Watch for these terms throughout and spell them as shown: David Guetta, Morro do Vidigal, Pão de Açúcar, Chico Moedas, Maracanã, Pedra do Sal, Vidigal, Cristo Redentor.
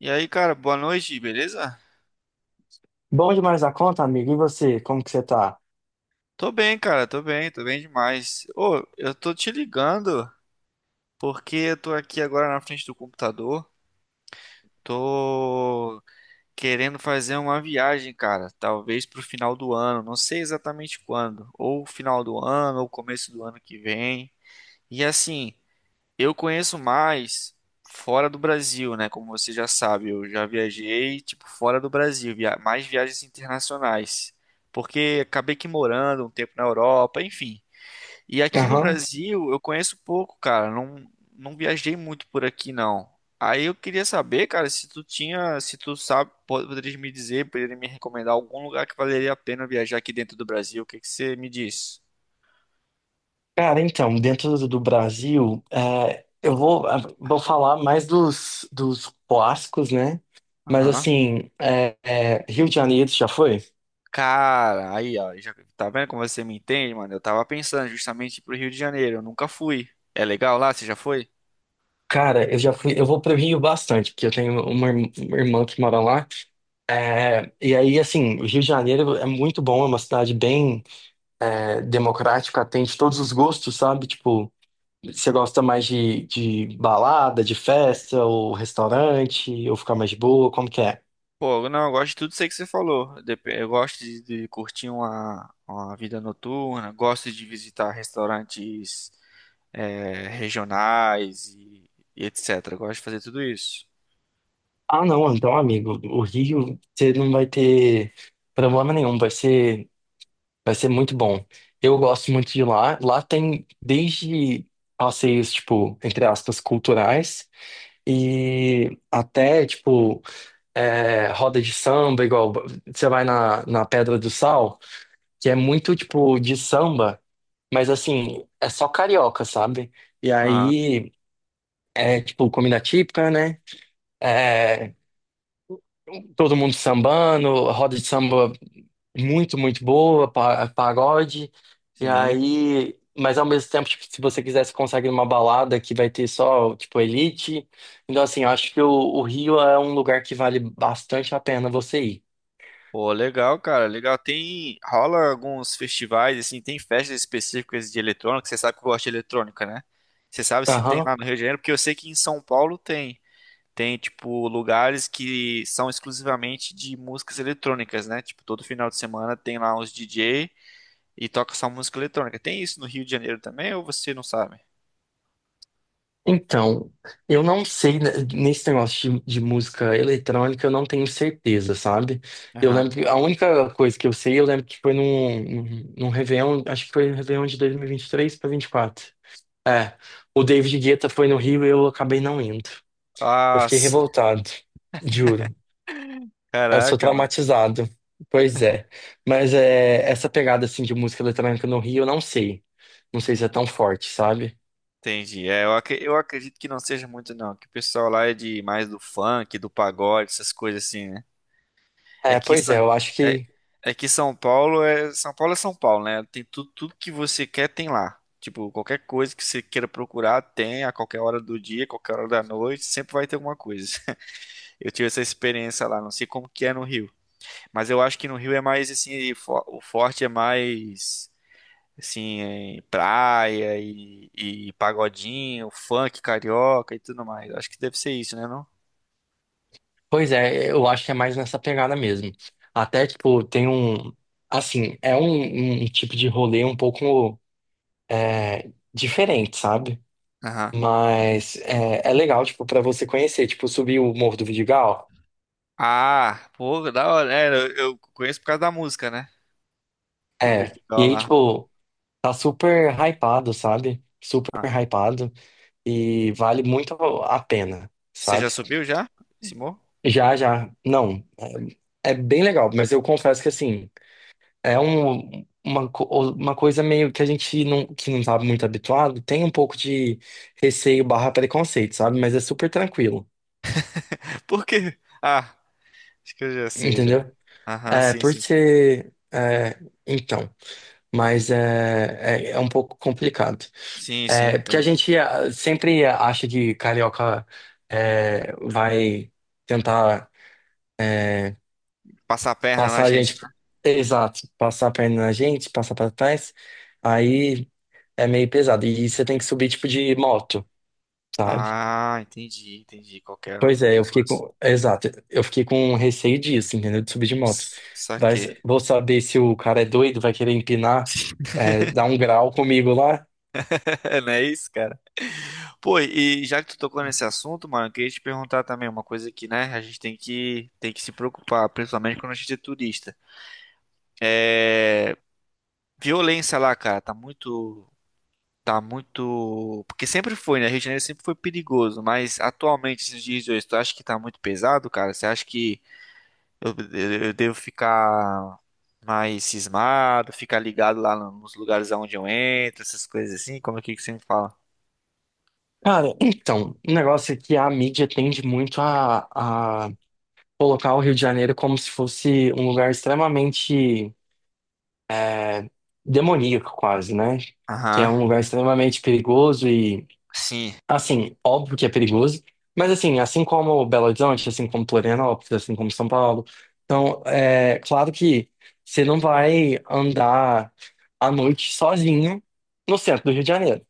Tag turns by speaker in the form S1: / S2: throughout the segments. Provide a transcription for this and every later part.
S1: E aí, cara, boa noite, beleza?
S2: Bom demais da conta, amigo. E você, como que você tá?
S1: Tô bem, cara, tô bem demais. Ô, eu tô te ligando porque eu tô aqui agora na frente do computador. Tô querendo fazer uma viagem, cara, talvez pro final do ano, não sei exatamente quando, ou final do ano, ou começo do ano que vem. E assim, eu conheço mais fora do Brasil, né? Como você já sabe, eu já viajei, tipo, fora do Brasil, mais viagens internacionais. Porque acabei que morando um tempo na Europa, enfim. E aqui no
S2: Aham.
S1: Brasil eu conheço pouco, cara. Não, não viajei muito por aqui, não. Aí eu queria saber, cara, se tu tinha, se tu sabe, poderia me dizer, poderia me recomendar algum lugar que valeria a pena viajar aqui dentro do Brasil. O que que você me diz?
S2: Cara, então, dentro do Brasil, eu vou, vou falar mais dos clássicos, né? Mas
S1: Aham.
S2: assim, Rio de Janeiro, você já foi?
S1: Cara, aí, ó, já, tá vendo como você me entende, mano? Eu tava pensando justamente pro Rio de Janeiro, eu nunca fui. É legal lá? Você já foi?
S2: Cara, eu já fui, eu vou pro Rio bastante, porque eu tenho uma irmã que mora lá. É, e aí, assim, o Rio de Janeiro é muito bom, é uma cidade bem, democrática, atende todos os gostos, sabe? Tipo, você gosta mais de balada, de festa, ou restaurante, ou ficar mais de boa? Como que é?
S1: Pô, não, eu gosto de tudo isso aí que você falou. Eu gosto de curtir uma vida noturna, gosto de visitar restaurantes é, regionais e etc. Eu gosto de fazer tudo isso.
S2: Ah, não, então, amigo, o Rio, você não vai ter problema nenhum, vai ser muito bom. Eu gosto muito de lá. Lá tem desde passeios, tipo, entre aspas, culturais, e até, tipo, roda de samba, igual você vai na Pedra do Sal, que é muito, tipo, de samba. Mas assim, é só carioca, sabe? E
S1: Aham.
S2: aí é tipo comida típica, né? É, todo mundo sambando, roda de samba muito, muito boa, pagode. E
S1: Sim.
S2: aí, mas ao mesmo tempo, tipo, se você quiser, você consegue uma balada que vai ter só, tipo, elite. Então, assim, eu acho que o Rio é um lugar que vale bastante a pena você ir.
S1: Pô, legal, cara, legal. Tem, rola alguns festivais, assim, tem festas específicas de eletrônica, você sabe que eu gosto de eletrônica, né? Você sabe se tem
S2: Aham.
S1: lá no Rio de Janeiro, porque eu sei que em São Paulo tem. Tem, tipo, lugares que são exclusivamente de músicas eletrônicas, né? Tipo, todo final de semana tem lá uns DJ e toca só música eletrônica. Tem isso no Rio de Janeiro também, ou você não sabe?
S2: Então, eu não sei, né, nesse negócio de música eletrônica, eu não tenho certeza, sabe? Eu
S1: Aham.
S2: lembro que a única coisa que eu sei, eu lembro que foi num Réveillon, acho que foi no Réveillon de dois mil e vinte e três para 24. É, o David Guetta foi no Rio e eu acabei não indo. Eu fiquei
S1: Nossa,
S2: revoltado, juro. Eu sou
S1: caraca,
S2: traumatizado. Pois é. Mas é, essa pegada assim de música eletrônica no Rio, eu não sei. Não sei se é tão forte, sabe?
S1: entendi. É, eu, eu acredito que não seja muito, não. Que o pessoal lá é de mais do funk, do pagode, essas coisas assim, né? É
S2: É,
S1: que,
S2: pois é, eu acho
S1: É,
S2: que.
S1: é que São Paulo é São Paulo, né? Tem tudo, tudo que você quer tem lá. Tipo, qualquer coisa que você queira procurar tem a qualquer hora do dia, qualquer hora da noite, sempre vai ter alguma coisa. Eu tive essa experiência lá, não sei como que é no Rio, mas eu acho que no Rio é mais assim, o forte é mais assim, em praia e pagodinho, funk carioca e tudo mais. Acho que deve ser isso, né, não?
S2: Pois é, eu acho que é mais nessa pegada mesmo. Até, tipo, tem um. Assim, é um, um tipo de rolê um pouco diferente, sabe?
S1: Aham.
S2: Mas é legal, tipo, pra você conhecer. Tipo, subir o Morro do Vidigal.
S1: Ah, pô, da hora. É, eu conheço por causa da música, né? Do
S2: É.
S1: vídeo
S2: E aí,
S1: lá.
S2: tipo, tá super hypado, sabe? Super
S1: Ah.
S2: hypado. E vale muito a pena,
S1: Você já
S2: sabe?
S1: subiu já? Esse morro?
S2: Já, já. Não, é bem legal, mas eu confesso que assim. É um, uma, uma coisa meio que a gente não, que não tá muito habituado, tem um pouco de receio barra preconceito, sabe? Mas é super tranquilo,
S1: Por quê? Ah, acho que eu já sei já.
S2: entendeu?
S1: Aham,
S2: É,
S1: sim,
S2: por
S1: sim.
S2: ser... então, mas é um pouco complicado.
S1: Sim, sim,
S2: É, porque a
S1: entendo.
S2: gente sempre acha que carioca vai tentar é,
S1: Passar a perna na
S2: passar a
S1: gente,
S2: gente...
S1: né?
S2: Exato, passar a perna na gente, passar pra trás. Aí... É meio pesado. E você tem que subir tipo de moto, sabe?
S1: Ah, entendi, entendi. Qualquer
S2: Pois é, eu fiquei
S1: negócio.
S2: com. Exato. Eu fiquei com receio disso, entendeu? De subir de moto. Vai...
S1: Saquei.
S2: Vou saber se o cara é doido, vai querer empinar, dar um grau comigo lá.
S1: Não é isso, cara? Pô, e já que tu tocou nesse assunto, mano, eu queria te perguntar também uma coisa que, né, a gente tem que se preocupar, principalmente quando a gente é turista. É, violência lá, cara, tá muito, tá muito, porque sempre foi, né, Rio de Janeiro sempre foi perigoso, mas atualmente, esses dias de hoje, tu acha que tá muito pesado, cara? Você acha que eu, eu devo ficar mais cismado, ficar ligado lá nos lugares aonde eu entro, essas coisas assim? Como é que você me fala?
S2: Cara, então, o negócio é que a mídia tende muito a colocar o Rio de Janeiro como se fosse um lugar extremamente é, demoníaco, quase, né? Que é
S1: Aham,
S2: um lugar extremamente perigoso e
S1: sim,
S2: assim, óbvio que é perigoso, mas assim, assim como Belo Horizonte, assim como Florianópolis, assim como São Paulo, então é claro que você não vai andar à noite sozinho no centro do Rio de Janeiro,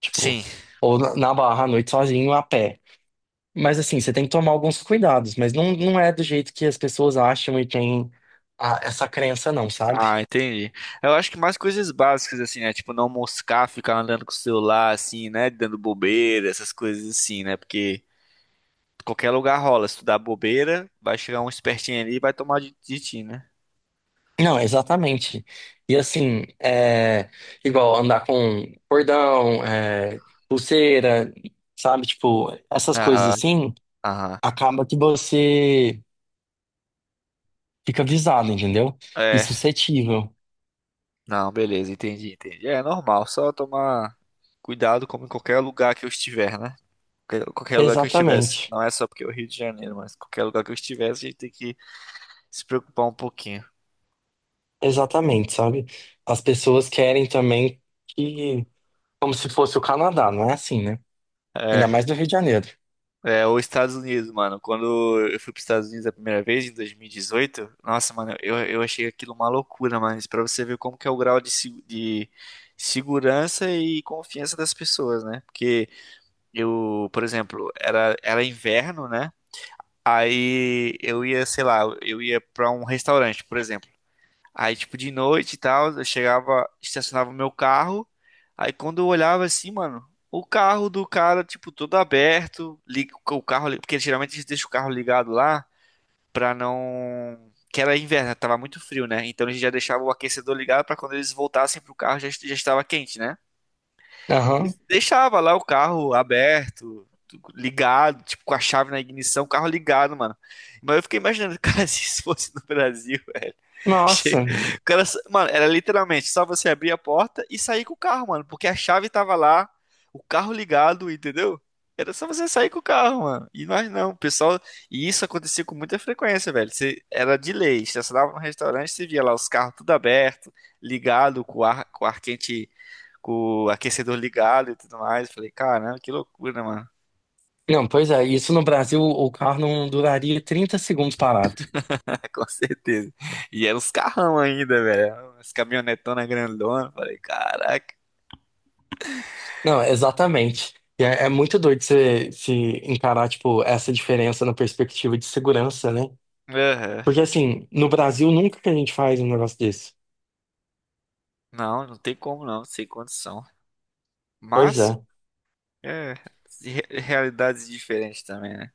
S2: tipo,
S1: sim.
S2: ou na Barra à noite sozinho a pé. Mas assim, você tem que tomar alguns cuidados, mas não, não é do jeito que as pessoas acham e tem essa crença não, sabe?
S1: Ah, entendi. Eu acho que mais coisas básicas, assim, né? Tipo, não moscar, ficar andando com o celular, assim, né? Dando bobeira, essas coisas assim, né? Porque qualquer lugar rola. Se tu dá bobeira, vai chegar um espertinho ali e vai tomar de ti, né?
S2: Não, exatamente. E assim, é igual andar com cordão, pulseira, sabe? Tipo, essas coisas
S1: Aham,
S2: assim,
S1: aham.
S2: acaba que você fica visado, entendeu? E
S1: É,
S2: suscetível.
S1: não, beleza, entendi, entendi. É normal, só tomar cuidado como em qualquer lugar que eu estiver, né? Qualquer lugar que eu estivesse.
S2: Exatamente.
S1: Não é só porque é o Rio de Janeiro, mas qualquer lugar que eu estivesse, a gente tem que se preocupar um pouquinho.
S2: Exatamente, sabe? As pessoas querem também que, como se fosse o Canadá, não é assim, né?
S1: É,
S2: Ainda mais no Rio de Janeiro.
S1: é, os Estados Unidos, mano. Quando eu fui para os Estados Unidos a primeira vez, em 2018, nossa, mano, eu achei aquilo uma loucura, mano. Isso pra você ver como que é o grau de, de segurança e confiança das pessoas, né? Porque eu, por exemplo, era inverno, né? Aí eu ia, sei lá, eu ia pra um restaurante, por exemplo. Aí, tipo, de noite e tal, eu chegava, estacionava o meu carro. Aí, quando eu olhava assim, mano, o carro do cara, tipo, todo aberto, liga o carro, porque geralmente eles deixam o carro ligado lá pra não. Que era inverno, né, tava muito frio, né? Então eles já deixavam o aquecedor ligado pra quando eles voltassem pro carro já, já estava quente, né? E
S2: Aham.
S1: deixava lá o carro aberto, ligado, tipo, com a chave na ignição, o carro ligado, mano. Mas eu fiquei imaginando, cara, se isso fosse no Brasil. Che-
S2: Nossa.
S1: O cara, mano, era literalmente só você abrir a porta e sair com o carro, mano, porque a chave tava lá, o carro ligado, entendeu? Era só você sair com o carro, mano. E nós não, o pessoal. E isso acontecia com muita frequência, velho. Você, era de lei. Você dava no restaurante, você via lá os carros tudo aberto, ligado, com o ar quente, com o aquecedor ligado e tudo mais. Eu falei, caramba, que loucura, mano.
S2: Não, pois é, isso no Brasil o carro não duraria 30 segundos parado.
S1: Com certeza. E eram os carrão ainda, velho. As caminhonetonas grandonas. Eu falei, caraca.
S2: Não, exatamente. E é, é muito doido você se encarar, tipo, essa diferença na perspectiva de segurança, né?
S1: Aham.
S2: Porque, assim, no Brasil nunca que a gente faz um negócio desse.
S1: Não, não tem como não, sem condição.
S2: Pois
S1: Mas,
S2: é,
S1: é, realidades diferentes também, né?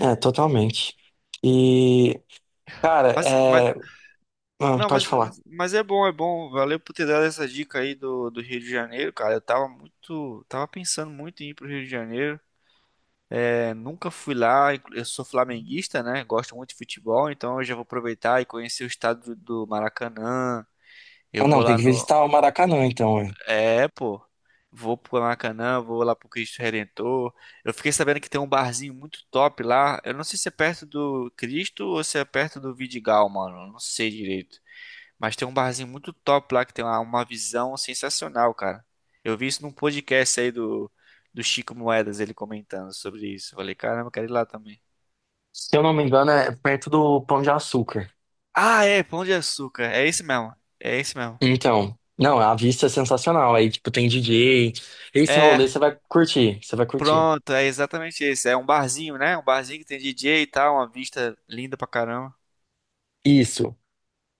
S2: é, totalmente. E, cara,
S1: Mas, mas,
S2: é... ah,
S1: não,
S2: pode falar.
S1: mas é bom, é bom. Valeu por ter dado essa dica aí do, do Rio de Janeiro, cara. Eu tava muito, tava pensando muito em ir pro Rio de Janeiro. É, nunca fui lá, eu sou flamenguista, né? Gosto muito de futebol, então eu já vou aproveitar e conhecer o estado do, do Maracanã. Eu
S2: Ah,
S1: vou
S2: não, tem
S1: lá
S2: que
S1: no,
S2: visitar o Maracanã, então. É.
S1: é, pô. Vou pro Maracanã, vou lá pro Cristo Redentor. Eu fiquei sabendo que tem um barzinho muito top lá. Eu não sei se é perto do Cristo ou se é perto do Vidigal, mano. Eu não sei direito. Mas tem um barzinho muito top lá que tem uma visão sensacional, cara. Eu vi isso num podcast aí do, do Chico Moedas, ele comentando sobre isso. Eu falei, caramba, eu quero ir lá também.
S2: Se eu não me engano, é perto do Pão de Açúcar.
S1: Ah, é, Pão de Açúcar. É esse mesmo.
S2: Então, não, a vista é sensacional. Aí, tipo, tem DJ. Esse
S1: É,
S2: rolê você vai curtir, você vai curtir.
S1: pronto, é exatamente isso. É um barzinho, né? Um barzinho que tem DJ e tal, uma vista linda pra caramba.
S2: Isso.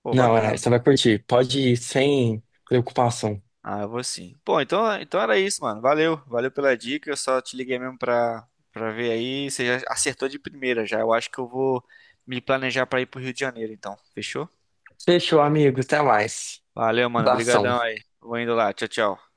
S1: Pô,
S2: Não,
S1: bacana.
S2: é, você vai curtir. Pode ir sem preocupação.
S1: Ah, eu vou sim. Pô, então era isso, mano. Valeu pela dica. Eu só te liguei mesmo pra, pra ver aí. Você já acertou de primeira já. Eu acho que eu vou me planejar pra ir pro Rio de Janeiro, então. Fechou?
S2: Fechou, amigo. Até mais.
S1: Valeu, mano.
S2: Abração.
S1: Obrigadão aí. Vou indo lá. Tchau, tchau.